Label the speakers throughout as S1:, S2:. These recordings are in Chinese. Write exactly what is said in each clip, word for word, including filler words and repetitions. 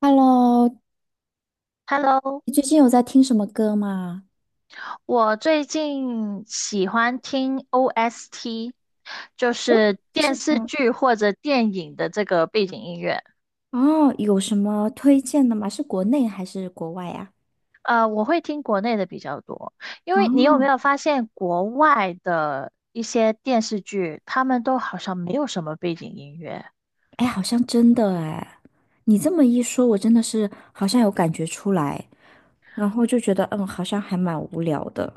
S1: Hello，
S2: Hello，
S1: 你最近有在听什么歌吗？
S2: 我最近喜欢听 O S T，就
S1: 嗯，
S2: 是电
S1: 是
S2: 视
S1: 吗？
S2: 剧或者电影的这个背景音乐。
S1: 哦，有什么推荐的吗？是国内还是国外呀？
S2: 呃，我会听国内的比较多，因为你有没
S1: 哦，
S2: 有发现国外的一些电视剧，他们都好像没有什么背景音乐？
S1: 哎，好像真的哎，你这么一说，我真的是好像有感觉出来，然后就觉得嗯，好像还蛮无聊的。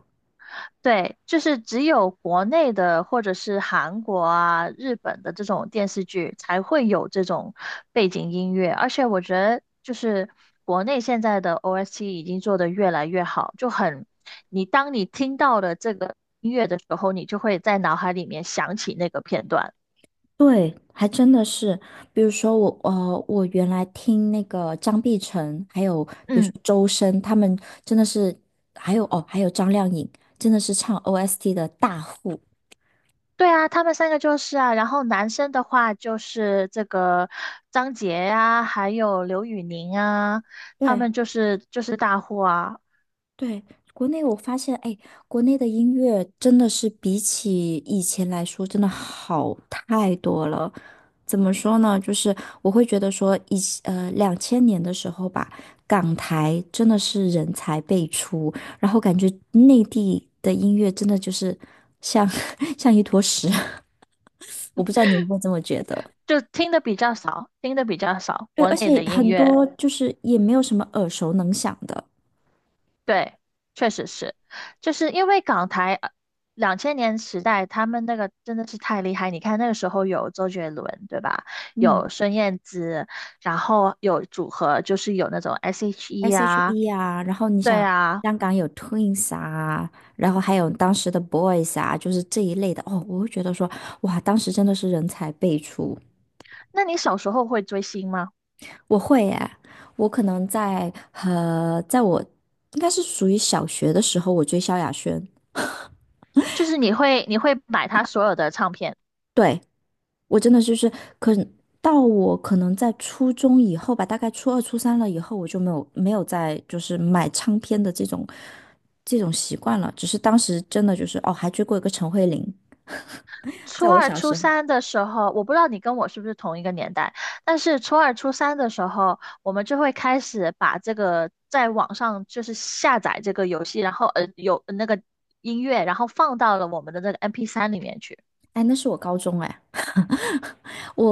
S2: 对，就是只有国内的或者是韩国啊、日本的这种电视剧才会有这种背景音乐，而且我觉得就是国内现在的 O S T 已经做得越来越好，就很，你当你听到了这个音乐的时候，你就会在脑海里面想起那个片段。
S1: 对，还真的是，比如说我呃，我原来听那个张碧晨，还有比如说
S2: 嗯，
S1: 周深，他们真的是，还有哦，还有张靓颖，真的是唱 O S T 的大户。
S2: 对啊，他们三个就是啊，然后男生的话就是这个张杰呀，还有刘宇宁啊，他
S1: 对。
S2: 们就是就是大户啊。
S1: 对，国内我发现，哎，国内的音乐真的是比起以前来说，真的好太多了。怎么说呢？就是我会觉得说以，呃两千年的时候吧，港台真的是人才辈出，然后感觉内地的音乐真的就是像 像一坨屎。我不知道你会不会这么觉得？
S2: 就听的比较少，听的比较少，
S1: 对，
S2: 国
S1: 而
S2: 内
S1: 且
S2: 的音
S1: 很
S2: 乐，
S1: 多就是也没有什么耳熟能详的。
S2: 对，确实是，就是因为港台两千年时代，他们那个真的是太厉害。你看那个时候有周杰伦，对吧？
S1: 嗯。
S2: 有孙燕姿，然后有组合，就是有那种 S H E 啊，
S1: S H E 啊，然后你
S2: 对
S1: 想
S2: 啊。
S1: 香港有 Twins 啊，然后还有当时的 Boys 啊，就是这一类的哦，我会觉得说，哇，当时真的是人才辈出。
S2: 那你小时候会追星吗？
S1: 我会耶，我可能在呃，在我应该是属于小学的时候，我追萧亚轩，
S2: 就是你会你会买他所有的唱片？
S1: 对，我真的就是可到我可能在初中以后吧，大概初二、初三了以后，我就没有没有再就是买唱片的这种这种习惯了，只是当时真的就是哦，还追过一个陈慧琳。
S2: 初
S1: 在我
S2: 二、
S1: 小
S2: 初
S1: 时候，
S2: 三的时候，我不知道你跟我是不是同一个年代，但是初二、初三的时候，我们就会开始把这个在网上就是下载这个游戏，然后呃有呃那个音乐，然后放到了我们的那个 m p 三里面去。
S1: 哎，那是我高中哎，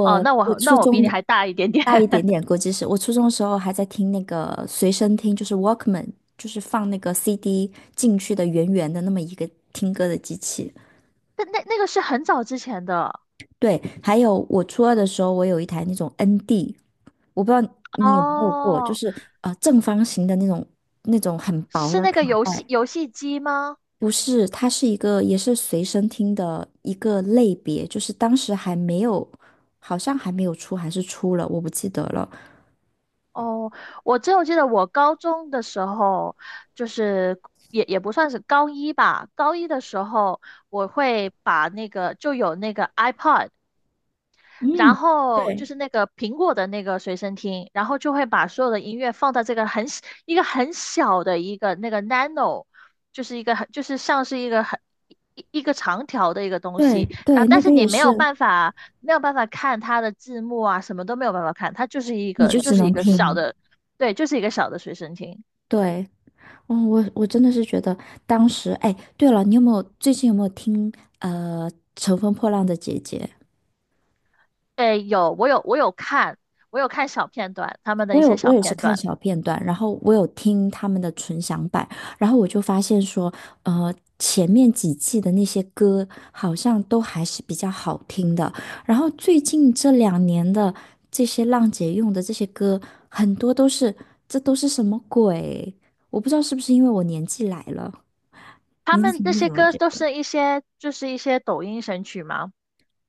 S2: 哦，那
S1: 我
S2: 我
S1: 初
S2: 那我比
S1: 中
S2: 你
S1: 的
S2: 还大一点点，
S1: 大一点 点，估计是我初中的时候还在听那个随身听，就是 Walkman，就是放那个 C D 进去的圆圆的那么一个听歌的机器。
S2: 那那那个是很早之前的
S1: 对，还有我初二的时候，我有一台那种 N D，我不知道你有没有过，就
S2: 哦，
S1: 是呃正方形的那种那种很薄
S2: 是
S1: 的
S2: 那个
S1: 卡
S2: 游
S1: 带，
S2: 戏游戏机吗？
S1: 不是，它是一个也是随身听的一个类别，就是当时还没有，好像还没有出，还是出了，我不记得了。
S2: 哦，我只有记得我高中的时候，就是也也不算是高一吧，高一的时候我会把那个就有那个 iPod。然
S1: 嗯，
S2: 后就是那个苹果的那个随身听，然后就会把所有的音乐放到这个很小一个很小的一个那个 nano，就是一个很就是像是一个很一一个长条的一个东
S1: 对
S2: 西，啊，
S1: 对，那
S2: 但
S1: 个
S2: 是
S1: 也
S2: 你没有
S1: 是，
S2: 办法没有办法看它的字幕啊，什么都没有办法看，它就是一
S1: 你
S2: 个
S1: 就
S2: 就
S1: 只
S2: 是一
S1: 能
S2: 个小
S1: 听。
S2: 的，对，就是一个小的随身听。
S1: 对，哦，我我真的是觉得当时，哎，对了，你有没有最近有没有听呃《乘风破浪的姐姐》？
S2: 诶，有我有我有看，我有看小片段，他们的
S1: 我
S2: 一些
S1: 有我
S2: 小
S1: 也是
S2: 片
S1: 看
S2: 段，
S1: 小片段，然后我有听他们的纯享版，然后我就发现说，呃，前面几季的那些歌好像都还是比较好听的，然后最近这两年的这些浪姐用的这些歌，很多都是这都是什么鬼？我不知道是不是因为我年纪来了，
S2: 他
S1: 你
S2: 们那
S1: 你
S2: 些
S1: 怎么
S2: 歌
S1: 觉
S2: 都是一些就是一些抖音神曲嘛。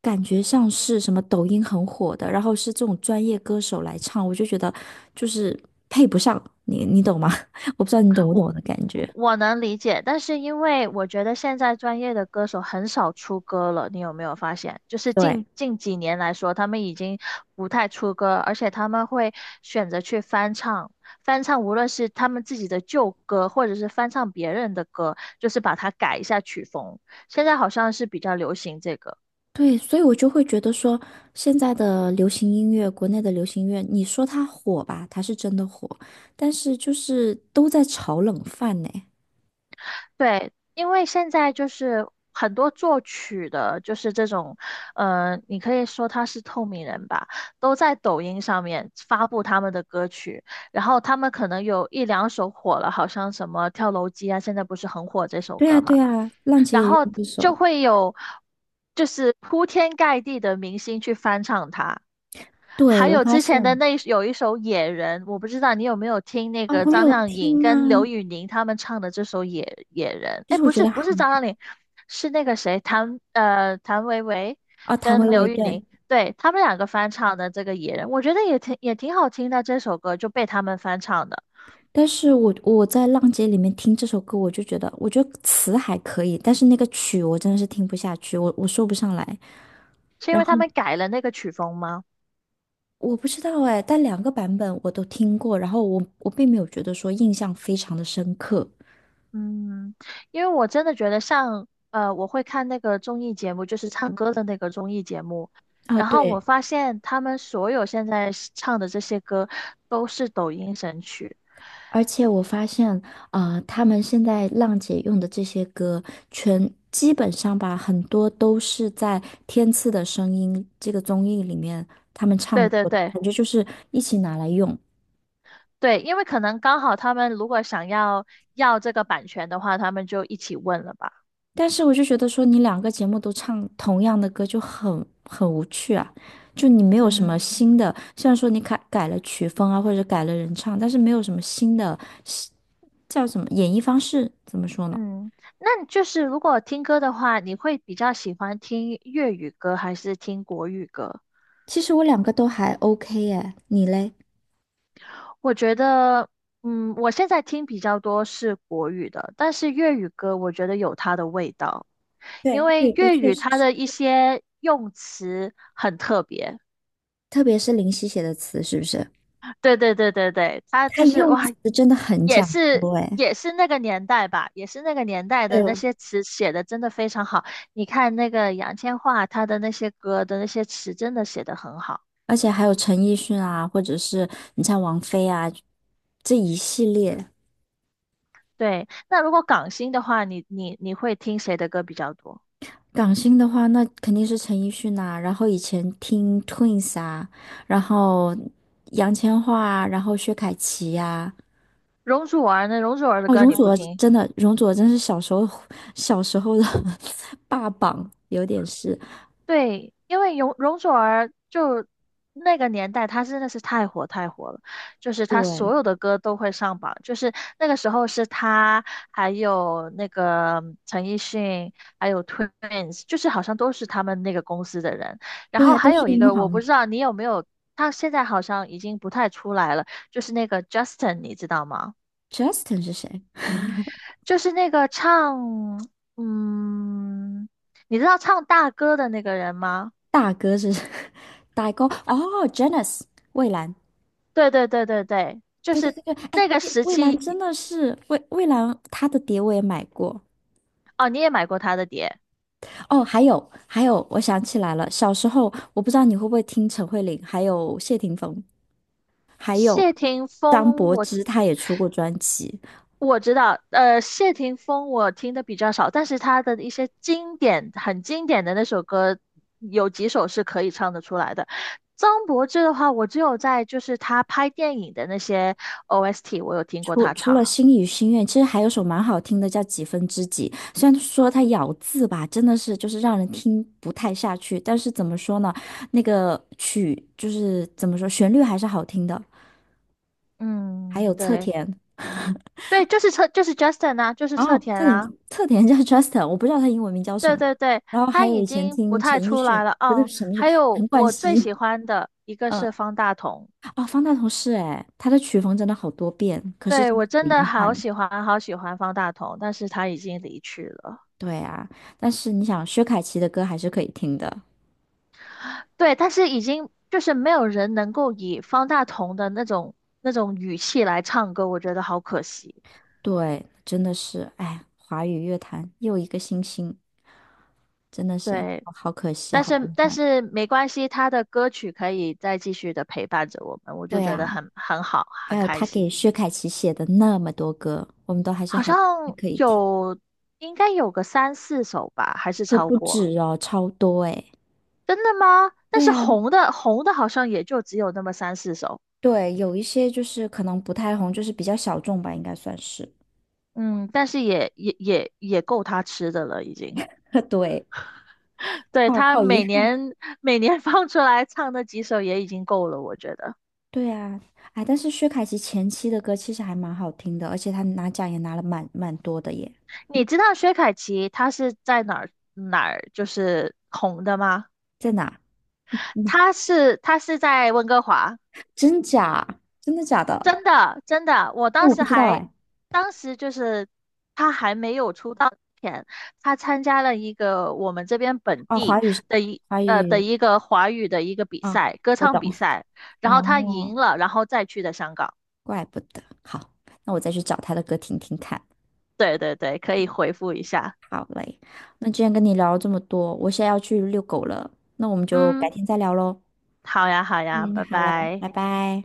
S1: 感觉像是什么抖音很火的，然后是这种专业歌手来唱，我就觉得就是配不上你，你懂吗？我不知道你懂不懂
S2: 我
S1: 我的感觉。
S2: 我能理解，但是因为我觉得现在专业的歌手很少出歌了，你有没有发现？就是
S1: 对，
S2: 近近几年来说，他们已经不太出歌，而且他们会选择去翻唱，翻唱无论是他们自己的旧歌，或者是翻唱别人的歌，就是把它改一下曲风。现在好像是比较流行这个。
S1: 对，所以我就会觉得说，现在的流行音乐，国内的流行音乐，你说它火吧，它是真的火，但是就是都在炒冷饭呢。
S2: 对，因为现在就是很多作曲的，就是这种，呃，你可以说他是透明人吧，都在抖音上面发布他们的歌曲，然后他们可能有一两首火了，好像什么《跳楼机》啊，现在不是很火这首
S1: 对啊，
S2: 歌
S1: 对
S2: 嘛，
S1: 啊，浪姐
S2: 然
S1: 也
S2: 后
S1: 用这
S2: 就
S1: 首。
S2: 会有就是铺天盖地的明星去翻唱它。
S1: 对，
S2: 还
S1: 我
S2: 有
S1: 发
S2: 之前的
S1: 现
S2: 那一有一首《野人》，我不知道你有没有听那
S1: 啊，
S2: 个
S1: 我
S2: 张
S1: 有
S2: 靓颖
S1: 听
S2: 跟刘
S1: 啊，
S2: 宇宁他们唱的这首《野野人》。
S1: 就
S2: 哎，
S1: 是我
S2: 不
S1: 觉
S2: 是
S1: 得
S2: 不
S1: 还
S2: 是张靓颖，是那个谁谭呃谭维维
S1: 啊，谭维
S2: 跟
S1: 维，
S2: 刘宇
S1: 对，
S2: 宁，对他们两个翻唱的这个《野人》，我觉得也挺也挺好听的这首歌就被他们翻唱的，
S1: 但是我我在浪姐里面听这首歌，我就觉得，我觉得词还可以，但是那个曲我真的是听不下去，我我说不上来。
S2: 是因
S1: 然
S2: 为
S1: 后
S2: 他们改了那个曲风吗？
S1: 我不知道哎，但两个版本我都听过，然后我我并没有觉得说印象非常的深刻
S2: 嗯，因为我真的觉得像呃，我会看那个综艺节目，就是唱歌的那个综艺节目，
S1: 啊，
S2: 然后我
S1: 对。
S2: 发现他们所有现在是唱的这些歌都是抖音神曲。
S1: 而且我发现，啊，他们现在浪姐用的这些歌，全基本上吧，很多都是在《天赐的声音》这个综艺里面他们唱
S2: 对对
S1: 过的，
S2: 对
S1: 感觉就是一起拿来用。
S2: 对，因为可能刚好他们如果想要要这个版权的话，他们就一起问了吧。
S1: 但是我就觉得说，你两个节目都唱同样的歌就很很无趣啊，就你没有什么
S2: 嗯
S1: 新的，虽然说你改改了曲风啊，或者改了人唱，但是没有什么新的，新叫什么演绎方式，怎么说呢？
S2: 嗯，那就是如果听歌的话，你会比较喜欢听粤语歌还是听国语歌？
S1: 其实我两个都还 OK 耶，你嘞？
S2: 我觉得，嗯，我现在听比较多是国语的，但是粤语歌我觉得有它的味道，因
S1: 对，粤语
S2: 为
S1: 歌
S2: 粤
S1: 确
S2: 语
S1: 实
S2: 它
S1: 是
S2: 的一些用词很特别。
S1: 特别是林夕写的词，是不是？
S2: 对对对对对，它
S1: 他
S2: 就是
S1: 用
S2: 哇，
S1: 词真的很
S2: 也
S1: 讲
S2: 是
S1: 究哎，
S2: 也是那个年代吧，也是那个年代的
S1: 对
S2: 那
S1: 嗯，
S2: 些词写的真的非常好。你看那个杨千嬅，她的那些歌的那些词真的写得很好。
S1: 而且还有陈奕迅啊，或者是你像王菲啊，这一系列。
S2: 对，那如果港星的话，你你你会听谁的歌比较多？
S1: 港星的话，那肯定是陈奕迅呐、然后以前听 Twins 啊，然后杨千嬅啊，然后薛凯琪呀、
S2: 容祖儿呢？容祖儿的
S1: 哦，
S2: 歌
S1: 容
S2: 你
S1: 祖
S2: 不
S1: 儿
S2: 听？
S1: 真的，容祖儿真是小时候小时候的 霸榜，有点是。
S2: 对，因为容容祖儿就那个年代，她真的是太火太火了，就是她
S1: 对，
S2: 所有的歌都会上榜，就是那个时候是她，还有那个陈奕迅，还有 Twins，就是好像都是他们那个公司的人。然
S1: 对
S2: 后
S1: 呀，都
S2: 还
S1: 是
S2: 有一
S1: 英
S2: 个我
S1: 皇。
S2: 不知道你有没有，他现在好像已经不太出来了，就是那个 Justin，你知道吗？
S1: Justin 是谁？
S2: 就是那个唱，嗯，你知道唱大哥的那个人吗？
S1: 大哥是 大哥哦，Janice 蔚兰，
S2: 对对对对对，就
S1: 对对
S2: 是
S1: 对对，哎，
S2: 那个时
S1: 蔚兰
S2: 期
S1: 真的是蔚蔚兰，她的碟我也买过。
S2: 哦，你也买过他的碟。
S1: 哦，还有还有，我想起来了，小时候我不知道你会不会听陈慧琳，还有谢霆锋，还有
S2: 谢霆
S1: 张
S2: 锋
S1: 柏
S2: 我，
S1: 芝，她也出过专辑。
S2: 我知道，呃，谢霆锋我听的比较少，但是他的一些经典、很经典的那首歌，有几首是可以唱得出来的。张柏芝的话，我只有在就是他拍电影的那些 O S T，我有听过
S1: 除
S2: 他
S1: 除
S2: 唱。
S1: 了心语心愿》，其实还有首蛮好听的叫《几分之几》，虽然说它咬字吧，真的是就是让人听不太下去，但是怎么说呢，那个曲就是怎么说，旋律还是好听的。还
S2: 嗯，
S1: 有侧
S2: 对
S1: 田。
S2: 对，就是侧就是 Justin 啊，就是侧
S1: 哦，
S2: 田
S1: 特
S2: 啊。
S1: 点特点叫 Justin，我不知道他英文名叫什
S2: 对
S1: 么。
S2: 对对，
S1: 然后
S2: 他
S1: 还有
S2: 已
S1: 以前
S2: 经不
S1: 听陈
S2: 太
S1: 奕
S2: 出
S1: 迅，
S2: 来了
S1: 不对，
S2: 哦。
S1: 什么是
S2: 还有
S1: 陈冠
S2: 我最
S1: 希，
S2: 喜欢的一个
S1: 嗯，
S2: 是方大同，
S1: 哦，方大同是哎，他的曲风真的好多变，可是
S2: 对，
S1: 真的
S2: 我真
S1: 很
S2: 的
S1: 遗
S2: 好
S1: 憾。
S2: 喜欢好喜欢方大同，但是他已经离去了。
S1: 对啊，但是你想，薛凯琪的歌还是可以听的。
S2: 对，但是已经就是没有人能够以方大同的那种那种语气来唱歌，我觉得好可惜。
S1: 对，真的是，哎，华语乐坛又一个新星，真的是
S2: 对，
S1: 好好可惜，
S2: 但
S1: 好
S2: 是
S1: 遗
S2: 但
S1: 憾。
S2: 是没关系，他的歌曲可以再继续的陪伴着我们，我就
S1: 对
S2: 觉得
S1: 啊，
S2: 很很好，很
S1: 还有
S2: 开
S1: 他给
S2: 心。
S1: 薛凯琪写的那么多歌，我们都还是
S2: 好
S1: 还还
S2: 像
S1: 可以听，
S2: 有，应该有个三四首吧，还是
S1: 可
S2: 超
S1: 不
S2: 过？
S1: 止哦，超多哎。
S2: 真的吗？但
S1: 对
S2: 是
S1: 呀，
S2: 红的红的好像也就只有那么三四首，
S1: 对，有一些就是可能不太红，就是比较小众吧，应该算是。
S2: 嗯，但是也也也也够他吃的了，已经。
S1: 对，
S2: 对，
S1: 好
S2: 他
S1: 好遗
S2: 每
S1: 憾。
S2: 年每年 放出来唱那几首也已经够了，我觉得。
S1: 对啊，哎，但是薛凯琪前期的歌其实还蛮好听的，而且她拿奖也拿了蛮蛮多的耶。
S2: 你知道薛凯琪她是在哪儿哪儿就是红的吗？
S1: 在哪？嗯
S2: 她是她是在温哥华。
S1: 真假？真的假的？
S2: 真的，真的，我
S1: 哎，
S2: 当
S1: 我不
S2: 时
S1: 知道
S2: 还，
S1: 哎。
S2: 当时就是他还没有出道前，他参加了一个我们这边本
S1: 哦，华
S2: 地
S1: 语是，
S2: 的一
S1: 华
S2: 呃的
S1: 语
S2: 一个华语的一个比
S1: 啊，
S2: 赛，歌
S1: 我
S2: 唱比
S1: 懂。
S2: 赛，然后他赢
S1: 哦，
S2: 了，然后再去的香港。
S1: 怪不得。好，那我再去找他的歌听听看。
S2: 对对对，可以回复一下。
S1: 好嘞，那今天跟你聊了这么多，我现在要去遛狗了，那我们就改
S2: 嗯，
S1: 天再聊喽。
S2: 好呀，好呀，
S1: 嗯，
S2: 拜
S1: 好了，
S2: 拜。
S1: 拜拜。